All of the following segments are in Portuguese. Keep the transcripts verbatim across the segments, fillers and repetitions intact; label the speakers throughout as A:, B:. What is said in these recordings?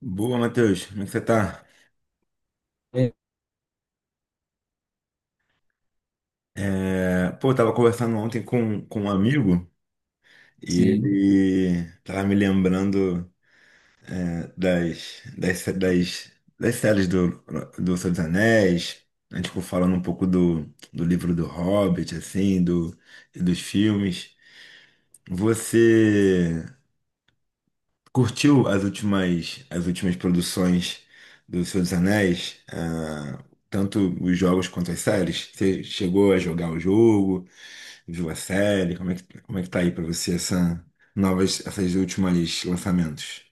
A: Boa, Matheus. Como é que você tá?
B: É,
A: É, pô, eu tava conversando ontem com, com um amigo e
B: Sim.
A: ele tava me lembrando, né, das, das, sé- das, das séries do, do Senhor dos Anéis. A gente ficou falando um pouco do, do livro do Hobbit, assim, do, e dos filmes. Você curtiu as últimas, as últimas produções do Senhor dos Anéis? Ah, tanto os jogos quanto as séries? Você chegou a jogar o jogo? Viu a série? Como é que, como é que tá aí pra você essa novas, essas últimas lançamentos?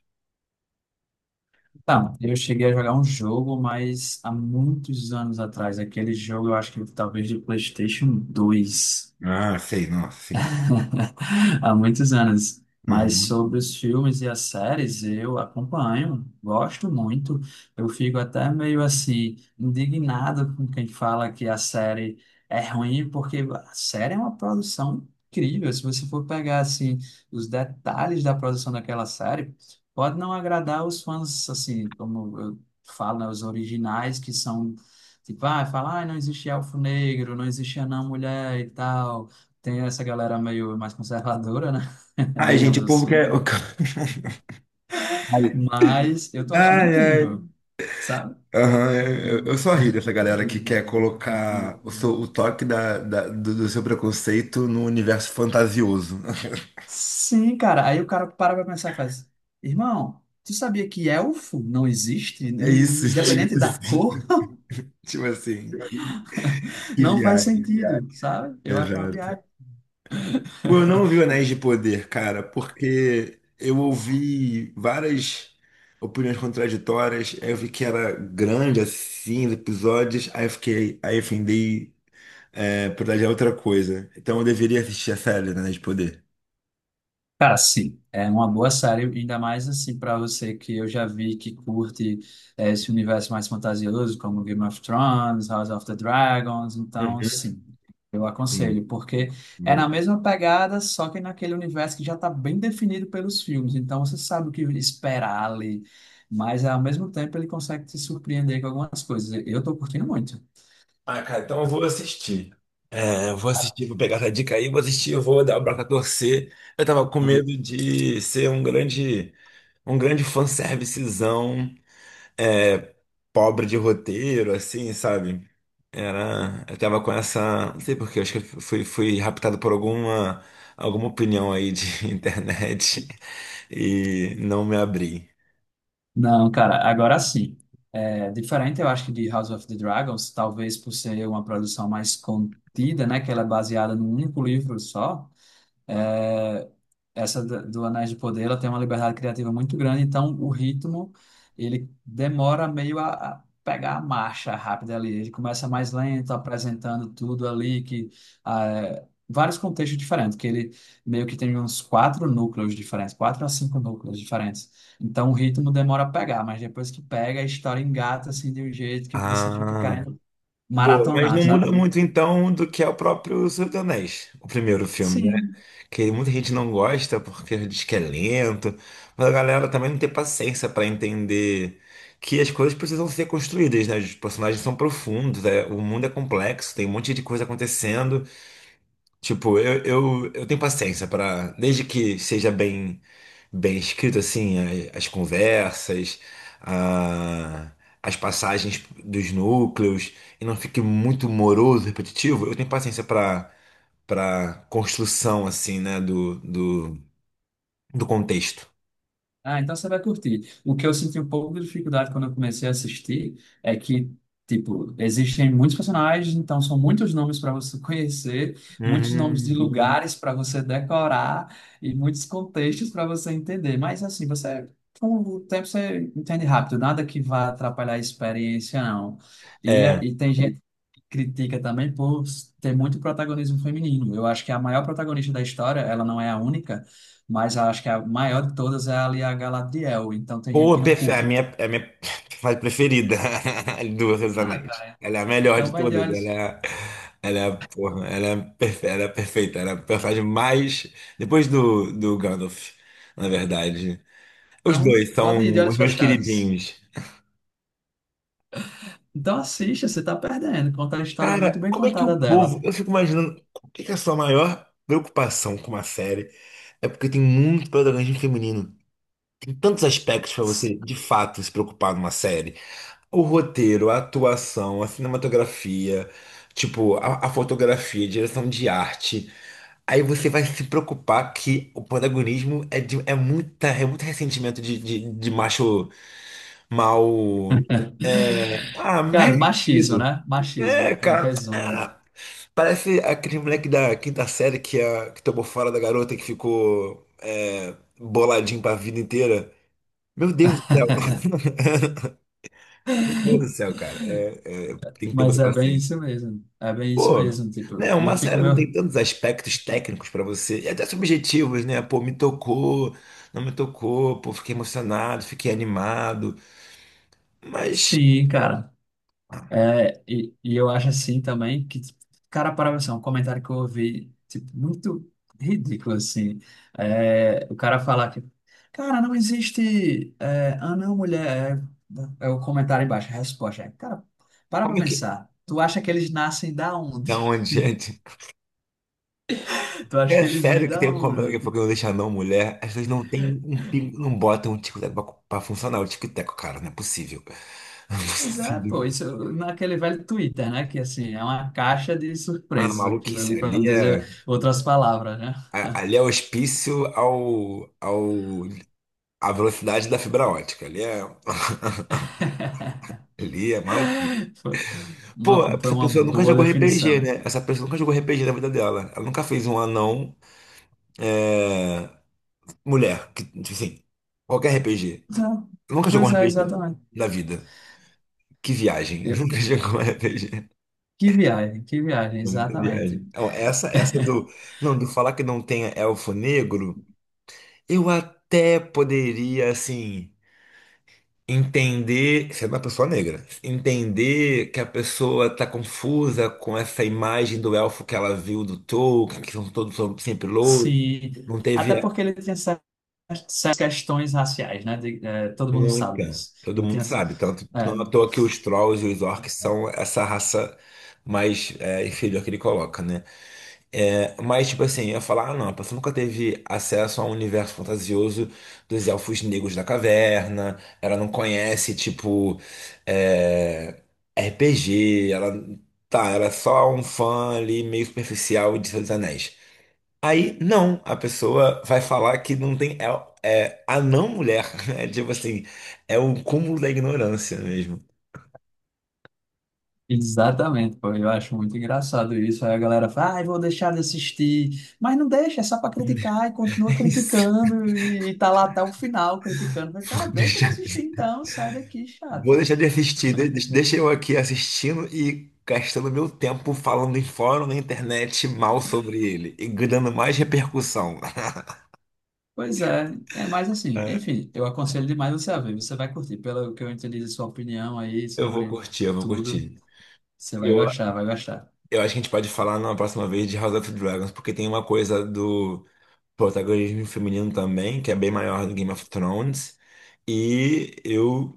B: Tá, eu cheguei a jogar um jogo, mas há muitos anos atrás, aquele jogo eu acho que talvez de PlayStation dois
A: Ah, sei, nossa, sim, tem.
B: há muitos anos. Mas
A: Uhum.
B: sobre os filmes e as séries, eu acompanho, gosto muito. Eu fico até meio assim, indignado com quem fala que a série é ruim, porque a série é uma produção incrível. Se você for pegar assim, os detalhes da produção daquela série, pode não agradar os fãs, assim, como eu falo, né, os originais que são. Tipo, ah, fala, ah, não existia elfo negro, não existia não mulher e tal. Tem essa galera meio mais conservadora, né?
A: Ai, gente,
B: Digamos
A: o povo quer.
B: assim.
A: Ai,
B: Mas eu tô achando
A: ai, ai.
B: incrível, sabe?
A: Aham, é, eu, eu só ri dessa galera que quer colocar o, seu, o toque da, da- do, do seu preconceito no universo fantasioso.
B: Sim, cara. Aí o cara para pra pensar e faz: Irmão, tu sabia que elfo não existe? É
A: É isso, tipo
B: independente da
A: assim.
B: cor,
A: Tipo assim, que, que
B: não faz
A: viagem.
B: sentido, sabe? Eu acho uma
A: Exato.
B: viagem.
A: Pô, eu não vi o Anéis de Poder, cara, porque eu ouvi várias opiniões contraditórias, aí eu vi que era grande assim, os episódios, aí eu fiquei, aí eu findei, é, por olhar outra coisa. Então eu deveria assistir a série do Anéis de Poder.
B: Cara, sim, é uma boa série, ainda mais assim para você que eu já vi que curte eh, esse universo mais fantasioso, como Game of Thrones, House of the Dragons, então
A: Uhum.
B: sim, eu
A: Sim,
B: aconselho, porque é
A: bom.
B: na mesma pegada, só que naquele universo que já está bem definido pelos filmes, então você sabe o que esperar ali, mas ao mesmo tempo ele consegue te surpreender com algumas coisas. Eu estou curtindo muito.
A: Ah, cara, então eu vou assistir. É, eu vou assistir, vou pegar essa dica aí, vou assistir, eu vou dar o braço a torcer. Eu tava com medo de ser um grande, um grande fanservicezão pobre de roteiro, assim, sabe? Era, eu tava com essa, não sei por quê, acho que eu fui, fui raptado por alguma, alguma opinião aí de internet e não me abri.
B: Não, cara, agora sim. É diferente, eu acho que de House of the Dragons, talvez por ser uma produção mais contida, né, que ela é baseada num único livro só. É, essa da- do Anéis de Poder, ela tem uma liberdade criativa muito grande, então o ritmo, ele demora meio a, a pegar a marcha rápida ali. Ele começa mais lento, apresentando tudo ali, que ah, é, vários contextos diferentes, que ele meio que tem uns quatro núcleos diferentes, quatro a cinco núcleos diferentes. Então o ritmo demora a pegar, mas depois que pega, a história engata assim de um jeito que você fica
A: Ah,
B: querendo
A: boa, mas
B: maratonar,
A: não
B: sabe?
A: muda muito então do que é o próprio Senhor dos Anéis, o primeiro filme, né?
B: Sim.
A: Que muita gente não gosta porque diz que é lento, mas a galera também não tem paciência para entender que as coisas precisam ser construídas, né? Os personagens são profundos, é, o mundo é complexo, tem um monte de coisa acontecendo. Tipo, eu, eu, eu tenho paciência para, desde que seja bem bem escrito assim, a- as conversas, a- as passagens dos núcleos e não fique muito moroso, repetitivo, eu tenho paciência para construção assim, né, do, do, do contexto.
B: Ah, então você vai curtir. O que eu senti um pouco de dificuldade quando eu comecei a assistir é que, tipo, existem muitos personagens, então são muitos nomes para você conhecer, muitos nomes de
A: Uhum.
B: lugares para você decorar e muitos contextos para você entender. Mas, assim, você, com o tempo, você entende rápido, nada que vá atrapalhar a experiência, não. E, é-
A: É,
B: e tem gente critica também por ter muito protagonismo feminino. Eu acho que a maior protagonista da história, ela não é a única, mas eu acho que a maior de todas é ali a Galadriel. Então tem gente
A: pô,
B: que não
A: perfe- a
B: curte.
A: minha, a minha fase preferida do Reis dos
B: Ah,
A: Anéis.
B: cara,
A: Ela é a melhor
B: então
A: de
B: vai de
A: todas, ela é,
B: olhos.
A: a- ela é, a- porra, ela é, perfe- ela é perfeita, ela é a personagem mais depois do, do Gandalf, na verdade. Os
B: Então
A: dois
B: pode ir de
A: são
B: olhos
A: os meus
B: fechados.
A: queridinhos.
B: Então assista, você tá perdendo. Conta a história muito
A: Cara,
B: bem
A: como é que o
B: contada
A: povo,
B: dela.
A: eu fico imaginando, o que que é a sua maior preocupação com uma série? É porque tem muito protagonismo feminino. Tem tantos aspectos para você, de fato, se preocupar numa série. O roteiro, a atuação, a cinematografia, tipo, a, a fotografia, a direção de arte. Aí você vai se preocupar que o protagonismo é, de, é, muita, é muito ressentimento de, de, de macho mal. É, ah, mais
B: Cara, machismo,
A: ressentido.
B: né? Machismo,
A: É,
B: em
A: cara,
B: resumo.
A: ah, parece aquele moleque da quinta série que, a, que tomou fora da garota que ficou, é, boladinho pra vida inteira. Meu Deus do céu. Meu Deus do céu, cara. É, é, tem que ter
B: Mas
A: muita
B: é bem
A: paciência.
B: isso mesmo. É bem isso
A: Pô,
B: mesmo, tipo.
A: né,
B: E eu
A: uma
B: fico
A: série não
B: meio.
A: tem tantos aspectos técnicos pra você, e até subjetivos, né? Pô, me tocou, não me tocou, pô, fiquei emocionado, fiquei animado. Mas
B: Sim, cara.
A: ah,
B: É, e, e eu acho assim também que, tipo, cara, para você, um comentário que eu ouvi, tipo, muito ridículo, assim. É, o cara falar que, cara, não existe é, anão mulher. É, é o comentário embaixo, a resposta. É, cara, para pra
A: como é que.
B: pensar. Tu acha que eles nascem da
A: Da
B: onde?
A: onde, gente?
B: Tu acha que
A: É
B: eles vêm
A: sério que
B: da
A: tem um problema
B: onde?
A: que foi que
B: Tipo,
A: não deixa não mulher. As pessoas não tem um pingo, não botam um tico-teco pra, pra funcionar o tico-teco, cara. Não é possível. Não é
B: mas é, pô,
A: possível.
B: isso naquele velho Twitter, né? Que assim, é uma caixa de
A: Ah,
B: surpresas aquilo
A: maluquice.
B: ali, para não
A: Ali é,
B: dizer outras palavras, né?
A: a- ali é hospício ao, ao a velocidade da fibra ótica. Ali é, ali é maluquice.
B: Foi
A: Pô,
B: uma, foi
A: essa
B: uma
A: pessoa nunca
B: boa
A: jogou erre pê gê,
B: definição.
A: né? Essa pessoa nunca jogou erre pê gê na vida dela. Ela nunca fez um anão, é, mulher. Que, tipo assim, qualquer erre pê gê.
B: Tá.
A: Nunca jogou
B: Pois
A: um
B: é,
A: Sim. erre pê gê
B: exatamente.
A: na vida. Que viagem.
B: Eu-
A: Nunca jogou um erre pê gê.
B: que viagem, que viagem,
A: É muita
B: exatamente.
A: viagem. Então, essa, essa do. Não, do falar que não tem elfo negro, eu até poderia, assim, entender, sendo uma pessoa negra, entender que a pessoa está confusa com essa imagem do elfo que ela viu do Tolkien, que são todos são sempre louros,
B: Sim,
A: não teve
B: até porque ele tinha certas certas questões raciais, né? De- eh, todo mundo sabe
A: muita.
B: disso.
A: Todo
B: Ele
A: mundo
B: tinha.
A: sabe, tanto
B: É,
A: não é à toa que os trolls e os orcs são essa raça mais, é, inferior que ele coloca, né? É, mas, tipo assim, eu ia falar, ah, não, a pessoa nunca teve acesso ao universo fantasioso dos elfos negros da caverna, ela não conhece, tipo, é, erre pê gê, ela, tá, ela é só um fã ali meio superficial de Senhor dos Anéis. Aí, não, a pessoa vai falar que não tem, é, é a não mulher, né? Tipo assim, é o cúmulo da ignorância mesmo.
B: exatamente, pô. Eu acho muito engraçado isso. Aí a galera fala, ai, vou deixar de assistir. Mas não deixa, é só para criticar e
A: É
B: continua
A: isso.
B: criticando e, e tá lá até o final criticando. Mas, cara,
A: Vou
B: deixa de
A: deixar.
B: assistir então, sai daqui,
A: Vou
B: chato.
A: deixar de assistir. De- de- Deixa eu aqui assistindo e gastando meu tempo falando em fórum na internet mal sobre ele e dando mais repercussão.
B: Pois é, é mais assim.
A: É,
B: Enfim, eu aconselho demais você a ver. Você vai curtir. Pelo que eu entendi de sua opinião aí
A: eu vou
B: sobre
A: curtir, eu vou
B: tudo,
A: curtir.
B: você vai
A: Eu,
B: gostar, vai gostar.
A: eu acho que a gente pode falar na próxima vez de House of Dragons, porque tem uma coisa do protagonismo feminino também, que é bem maior do Game of Thrones. E eu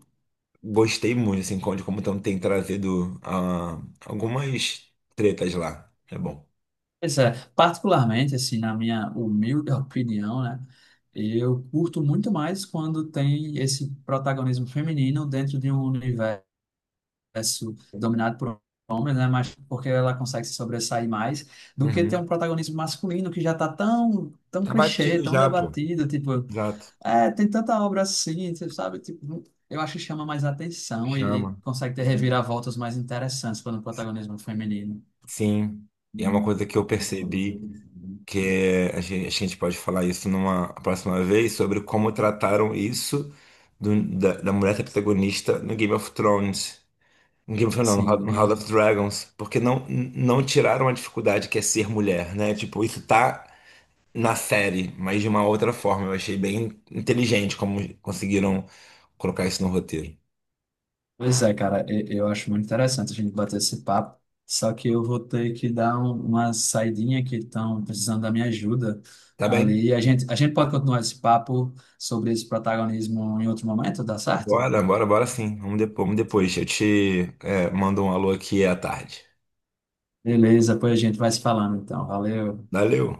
A: gostei muito, assim, de como tão- tem trazido ah, algumas tretas lá. É bom.
B: Pois é, particularmente, assim, na minha humilde opinião, né? Eu curto muito mais quando tem esse protagonismo feminino dentro de um universo dominado por homens, né? Mas porque ela consegue se sobressair mais do que ter
A: Uhum.
B: um protagonismo masculino que já tá tão, tão
A: Tá
B: clichê,
A: batido
B: tão
A: já, pô.
B: debatido, tipo.
A: Exato.
B: É, tem tanta obra assim, você sabe? Tipo, eu acho que chama mais atenção e, e
A: Chama.
B: consegue ter reviravoltas mais interessantes quando o protagonismo é feminino.
A: Sim. E é uma coisa que eu percebi que é- a gente, a gente pode falar isso numa próxima vez sobre como trataram isso do- da, da mulher ser protagonista no Game of Thrones. No Game of Thrones, não, no House
B: Sim,
A: no House of Dragons. Porque não, não tiraram a dificuldade que é ser mulher, né? Tipo, isso tá na série, mas de uma outra forma. Eu achei bem inteligente como conseguiram colocar isso no roteiro.
B: pois é, cara, e- eu acho muito interessante a gente bater esse papo. Só que eu vou ter que dar um- uma saidinha que estão precisando da minha ajuda
A: Tá bem?
B: ali. A gente, a gente pode continuar esse papo sobre esse protagonismo em outro momento, dá certo?
A: Bora, bora, bora sim. Vamos depois, vamos depois. Eu te, é, mando um alô aqui à tarde.
B: Beleza, pois a gente vai se falando então. Valeu.
A: Valeu.